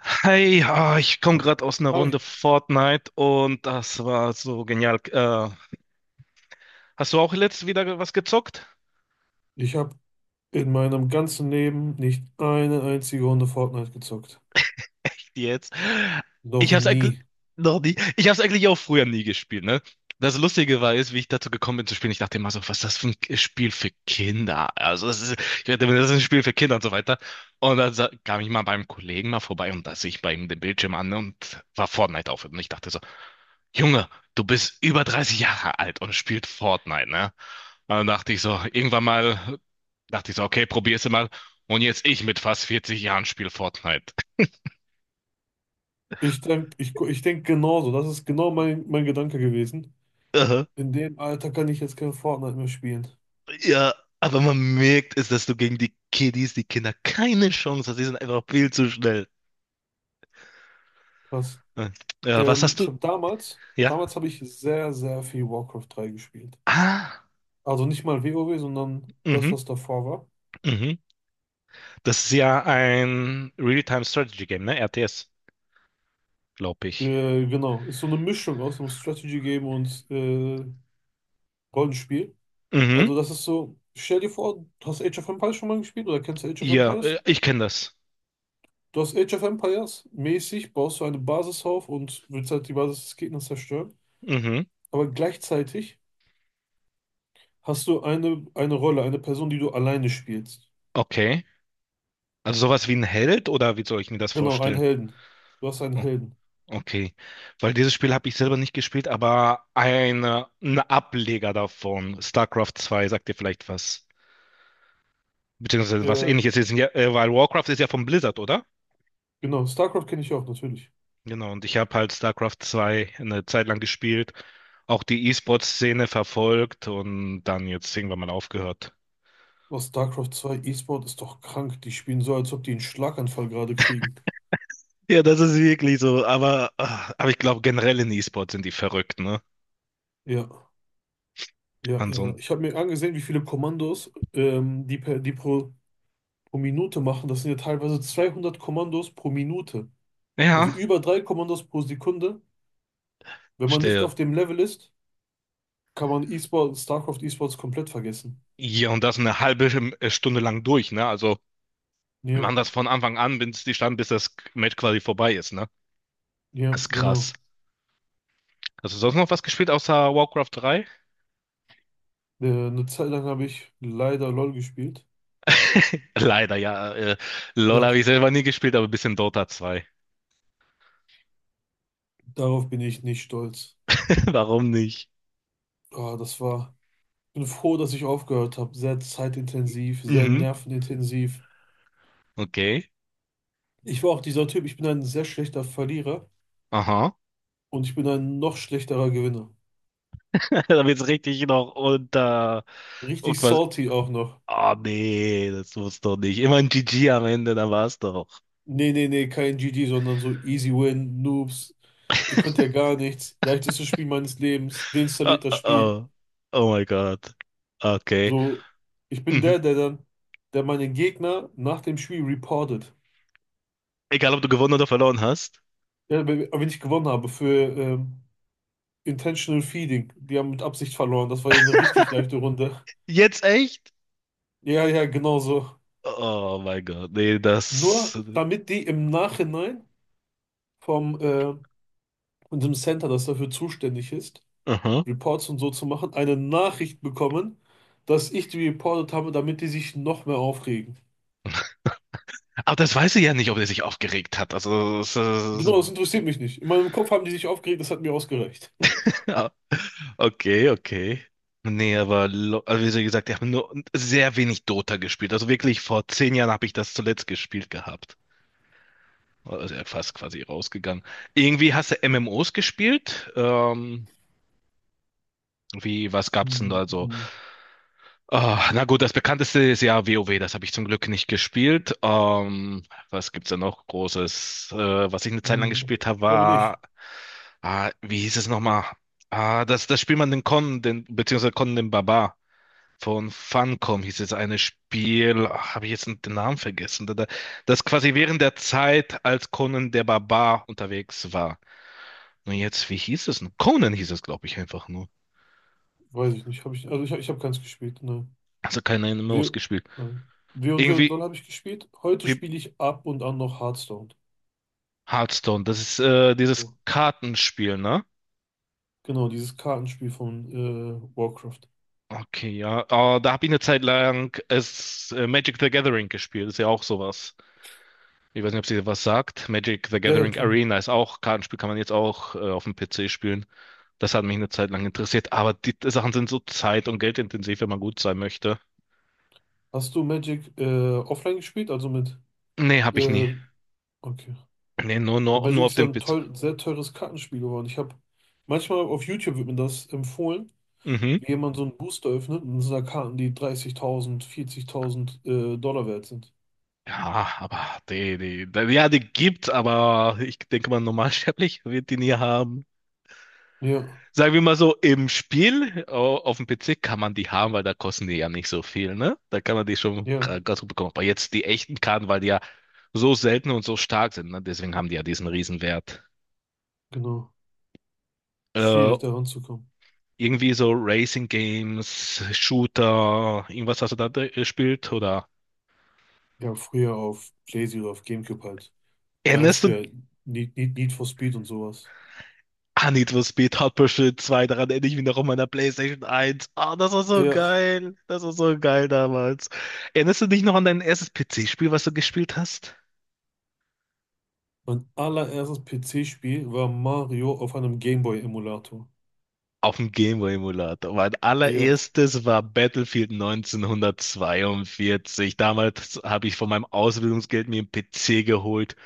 Hey, ich komme gerade aus einer Runde Hi, Fortnite und das war so genial. Hast du auch letztes wieder was gezockt? ich habe in meinem ganzen Leben nicht eine einzige Runde Fortnite gezockt. Jetzt. Noch Ich hab's eigentlich nie. noch nie. Ich hab's eigentlich auch früher nie gespielt, ne? Das Lustige war ist wie ich dazu gekommen bin zu spielen. Ich dachte immer so, was ist das für ein Spiel für Kinder? Ich dachte mir, das ist ein Spiel für Kinder und so weiter. Und dann kam ich mal beim Kollegen mal vorbei und da sehe ich bei ihm den Bildschirm an und war Fortnite auf. Und ich dachte so, Junge, du bist über 30 Jahre alt und spielst Fortnite, ne? Und dann dachte ich so, irgendwann mal, dachte ich so, okay, probier's mal. Und jetzt ich mit fast 40 Jahren spiele Fortnite. Ich denk genauso. Das ist genau mein Gedanke gewesen. In dem Alter kann ich jetzt kein Fortnite mehr spielen. Ja, aber man merkt es, dass du gegen die Kiddies, die Kinder, keine Chance hast. Die sind einfach viel zu schnell. Krass. Ja, was hast Ich du? habe damals, Ja. damals habe ich sehr, sehr viel Warcraft 3 gespielt. Ah, Also nicht mal WoW, sondern das, mhm, was davor war. mhm. Das ist ja ein Real-Time-Strategy-Game, ne? RTS, glaube ich. Genau. Ist so eine Mischung aus einem Strategy-Game und Rollenspiel. Mhm. Also das ist so, stell dir vor, du hast Age of Empires schon mal gespielt? Oder kennst du Age of Ja, Empires? ich kenne das. Du hast Age of Empires mäßig, baust du eine Basis auf und willst halt die Basis des Gegners zerstören. Mhm. Aber gleichzeitig hast du eine Rolle, eine Person, die du alleine spielst. Okay. Also sowas wie ein Held oder wie soll ich mir das Genau, einen vorstellen? Helden. Du hast einen Oh, Helden. okay. Weil dieses Spiel habe ich selber nicht gespielt, aber ein Ableger davon, StarCraft 2, sagt dir vielleicht was. Beziehungsweise was Äh, ähnliches ist, ja, weil Warcraft ist ja von Blizzard, oder? genau, StarCraft kenne ich auch natürlich. Genau, und ich habe halt StarCraft 2 eine Zeit lang gespielt, auch die E-Sport-Szene verfolgt und dann jetzt irgendwann mal aufgehört. Was StarCraft 2 E-Sport ist doch krank. Die spielen so, als ob die einen Schlaganfall gerade kriegen. Ja, das ist wirklich so, aber ich glaube, generell in E-Sport sind die verrückt, ne? Ja, ja, An ja, so ja. einem, Ich habe mir angesehen, wie viele Kommandos die pro Minute machen, das sind ja teilweise 200 Kommandos pro Minute. ja, Also über drei Kommandos pro Sekunde. Wenn man nicht stell auf dem Level ist, kann man E-Sport, StarCraft E-Sports komplett vergessen. hier und das eine halbe Stunde lang durch, ne? Also, man Ja, das von Anfang an, bis das Match quasi vorbei ist, ne? ja, Das ist krass. genau. Hast du sonst noch was gespielt außer Warcraft 3? Eine Zeit lang habe ich leider LOL gespielt. Leider, ja. LOL Ja, habe ich selber nie gespielt, aber ein bisschen Dota 2. darauf bin ich nicht stolz. Warum nicht? Ah, das war. Ich bin froh, dass ich aufgehört habe. Sehr zeitintensiv, sehr Mhm. nervenintensiv. Okay. Ich war auch dieser Typ, ich bin ein sehr schlechter Verlierer Aha. und ich bin ein noch schlechterer Gewinner. Da wird's richtig noch unter. Und Richtig quasi. salty auch noch. Nee, das muss doch nicht. Immer ein GG am Ende, da war's doch. Nee, nee, nee, kein GG, sondern so Easy Win, Noobs. Ihr könnt ja gar nichts. Leichtestes Spiel meines Lebens. Oh, Deinstalliert das oh, Spiel. oh. Oh mein Gott. Okay. So, ich bin Mhm. der, der dann, der meinen Gegner nach dem Spiel reportet. Egal, ob du gewonnen oder verloren hast. Ja, wenn ich gewonnen habe für ähm, Intentional Feeding. Die haben mit Absicht verloren. Das war ja eine richtig leichte Runde. Jetzt echt? Ja, ja, genau so. Oh mein Gott. Nee, das. Nur damit die im Nachhinein vom unserem Center, das dafür zuständig ist, Aha. Reports und so zu machen, eine Nachricht bekommen, dass ich die reportet habe, damit die sich noch mehr aufregen. Aber das weiß ich ja nicht, ob er sich aufgeregt hat. Also, es, ist- Genau, das interessiert mich nicht. In meinem Kopf haben die sich aufgeregt, das hat mir ausgereicht. Okay, okay. Nee, aber also wie gesagt, ich habe nur sehr wenig Dota gespielt. Also wirklich vor 10 Jahren habe ich das zuletzt gespielt gehabt. Also ja, fast quasi rausgegangen. Irgendwie hast du MMOs gespielt? Wie, was gab's denn Hm, da so? hm, Na gut, das bekannteste ist ja WoW, das habe ich zum Glück nicht gespielt. Was gibt's da noch Großes? Was ich eine Zeit lang hm. gespielt habe, Ich glaube nicht. war, wie hieß es nochmal? Das spielt man den Con, den, beziehungsweise Con den Barbar. Von Funcom hieß es eine Spiel, ach, habe ich jetzt den Namen vergessen, das quasi während der Zeit, als Conan der Barbar unterwegs war. Und jetzt, wie hieß es denn? Conan hieß es, glaube ich, einfach nur. Weiß ich nicht. Hab ich, also ich habe keins gespielt. Nein. Also keine MMOs Wir, gespielt. nein. Wir und Doll Irgendwie habe ich gespielt. Heute wie spiele ich ab und an noch Hearthstone. Hearthstone, das ist dieses Genau, Kartenspiel, ne? Genau, dieses Kartenspiel von Warcraft. Okay, ja. Da habe ich eine Zeit lang es, Magic the Gathering gespielt, ist ja auch sowas. Ich weiß nicht, ob sie was sagt. Magic the Ja, ja, Gathering klar. Arena ist auch Kartenspiel, kann man jetzt auch auf dem PC spielen. Das hat mich eine Zeit lang interessiert, aber die Sachen sind so zeit- und geldintensiv, wenn man gut sein möchte. Hast du Magic offline gespielt? Also mit. Nee, habe ich nie. Äh, okay. Nee, nur, Und nur, nur Magic auf ist ja dem PC. Sehr teures Kartenspiel geworden. Ich habe manchmal auf YouTube wird mir das empfohlen, Mhm. wie jemand so einen Booster öffnet und es sind da Karten, die 30.000, 40.000 Dollar wert sind. Ja, aber ja, die gibt's, aber ich denke mal, normalsterblich wird die nie haben. Ja, Sagen wir mal so, im Spiel auf dem PC kann man die haben, weil da kosten die ja nicht so viel, ne? Da kann man die schon ja, ganz gut bekommen. Aber jetzt die echten Karten, weil die ja so selten und so stark sind, ne? Deswegen haben die ja diesen Riesenwert. genau. Äh, Schwierig da ranzukommen. irgendwie so Racing Games, Shooter, irgendwas hast du da gespielt? Oder Ja, früher auf PlayStation oder auf GameCube halt. Ganz erinnerst du früher Need for Speed und sowas. an Need for Speed Hot Pursuit zwei. Daran erinnere ich mich noch an meiner PlayStation 1. Das war so Ja, geil. Das war so geil damals. Erinnerst du dich noch an dein erstes PC-Spiel, was du gespielt hast? mein allererstes PC-Spiel war Mario auf einem Gameboy-Emulator. Auf dem Gameboy-Emulator. Mein Ja, allererstes war Battlefield 1942. Damals habe ich von meinem Ausbildungsgeld mir einen PC geholt,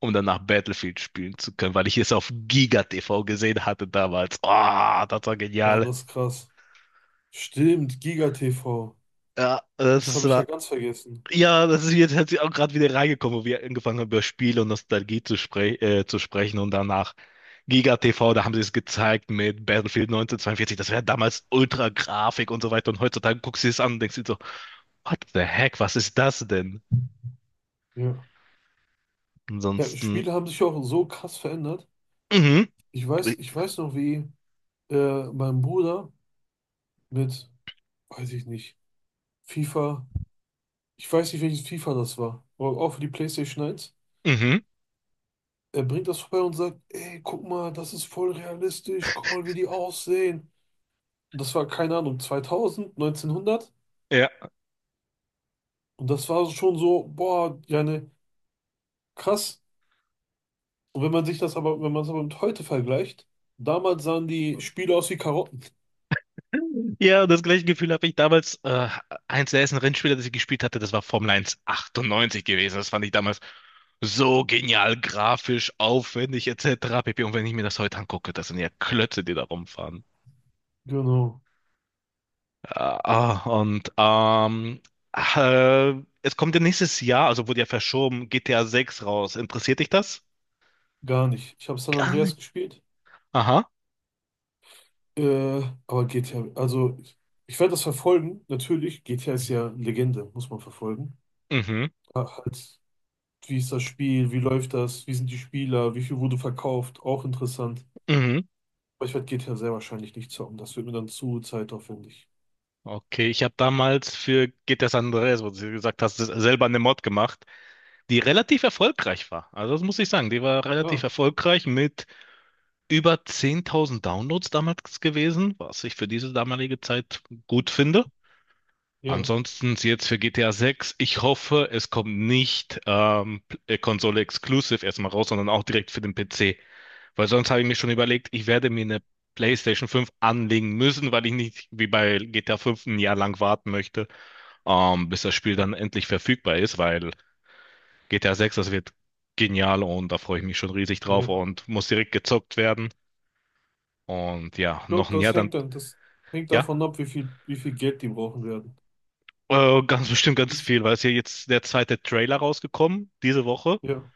um danach Battlefield spielen zu können, weil ich es auf Giga TV gesehen hatte damals. Das war wow, genial. das ist krass. Stimmt, Giga TV. Ja, das Das ist habe ich ja war. ganz vergessen. Ja, das ist jetzt hat sie auch gerade wieder reingekommen, wo wir angefangen haben, über Spiele und Nostalgie zu sprechen, und danach Giga TV, da haben sie es gezeigt mit Battlefield 1942, das wäre damals Ultra-Grafik und so weiter, und heutzutage guckst du es an und denkst dir so, what the heck, was ist das denn? Ja. Ja, Ansonsten, Spiele haben sich ja auch so krass verändert. mhm, Ich weiß noch, wie mein Bruder mit, weiß ich nicht, FIFA, ich weiß nicht, welches FIFA das war, aber auch für die PlayStation 1. mhm, Er bringt das vorbei und sagt, ey, guck mal, das ist voll realistisch, guck mal, wie die aussehen. Und das war, keine Ahnung, 2000, 1900. ja. Und das war schon so, boah, ja, ne, krass. Und wenn man sich das aber, wenn man es aber mit heute vergleicht, damals sahen die Spiele aus wie Karotten. Ja, und das gleiche Gefühl habe ich damals. Eins der ersten Rennspiele, das ich gespielt hatte, das war Formel 1 98 gewesen. Das fand ich damals so genial, grafisch, aufwendig, etc. pp. Und wenn ich mir das heute angucke, das sind ja Klötze, die da rumfahren. Genau. Ah, und äh, es kommt ja nächstes Jahr, also wurde ja verschoben, GTA 6 raus. Interessiert dich das? Gar nicht. Ich habe San Gar Andreas nicht. gespielt, Aha. äh, aber GTA, also ich werde das verfolgen, natürlich. GTA ist ja Legende, muss man verfolgen. Mhm, Ach, halt, wie ist das Spiel, wie läuft das, wie sind die Spieler, wie viel wurde verkauft, auch interessant. mhm. Aber ich werde GTA sehr wahrscheinlich nicht zocken, das wird mir dann zu zeitaufwendig. Okay, ich habe damals für GTA San Andreas, wo du gesagt hast, selber eine Mod gemacht, die relativ erfolgreich war. Also das muss ich sagen, die war relativ Ja, erfolgreich mit über 10.000 Downloads damals gewesen, was ich für diese damalige Zeit gut finde. ja, Ansonsten jetzt für GTA 6, ich hoffe, es kommt nicht Konsole exclusive erstmal raus, sondern auch direkt für den PC. Weil sonst habe ich mir schon überlegt, ich werde mir eine PlayStation 5 anlegen müssen, weil ich nicht wie bei GTA 5 ein Jahr lang warten möchte, bis das Spiel dann endlich verfügbar ist, weil GTA 6, das wird genial und da freue ich mich schon riesig drauf ja. und muss direkt gezockt werden. Und ja, Ich glaube, noch ein Jahr dann, das hängt ja, davon ab, wie viel Geld die brauchen werden. Ganz bestimmt Wie, ganz viel- viel, weil es ja jetzt der zweite Trailer rausgekommen diese Woche ja,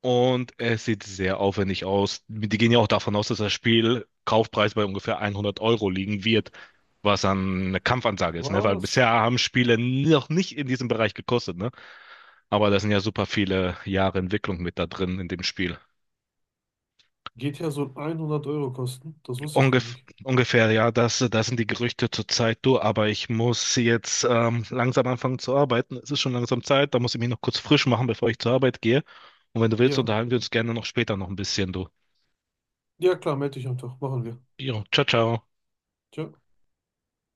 und es sieht sehr aufwendig aus. Die gehen ja auch davon aus, dass das Spiel Kaufpreis bei ungefähr 100 Euro liegen wird, was dann eine Kampfansage ist, ne? Weil was? bisher haben Spiele noch nicht in diesem Bereich gekostet, ne? Aber da sind ja super viele Jahre Entwicklung mit da drin in dem Spiel. GTA soll 100 € kosten? Das wusste ich gar Ungef nicht. ungefähr, ja, das sind die Gerüchte zurzeit. Du, aber ich muss jetzt langsam anfangen zu arbeiten. Es ist schon langsam Zeit, da muss ich mich noch kurz frisch machen, bevor ich zur Arbeit gehe. Und wenn du willst, Ja. unterhalten wir uns gerne noch später noch ein bisschen, du. Ja, klar, melde dich einfach. Machen wir. Jo, ciao, ciao. Tschö.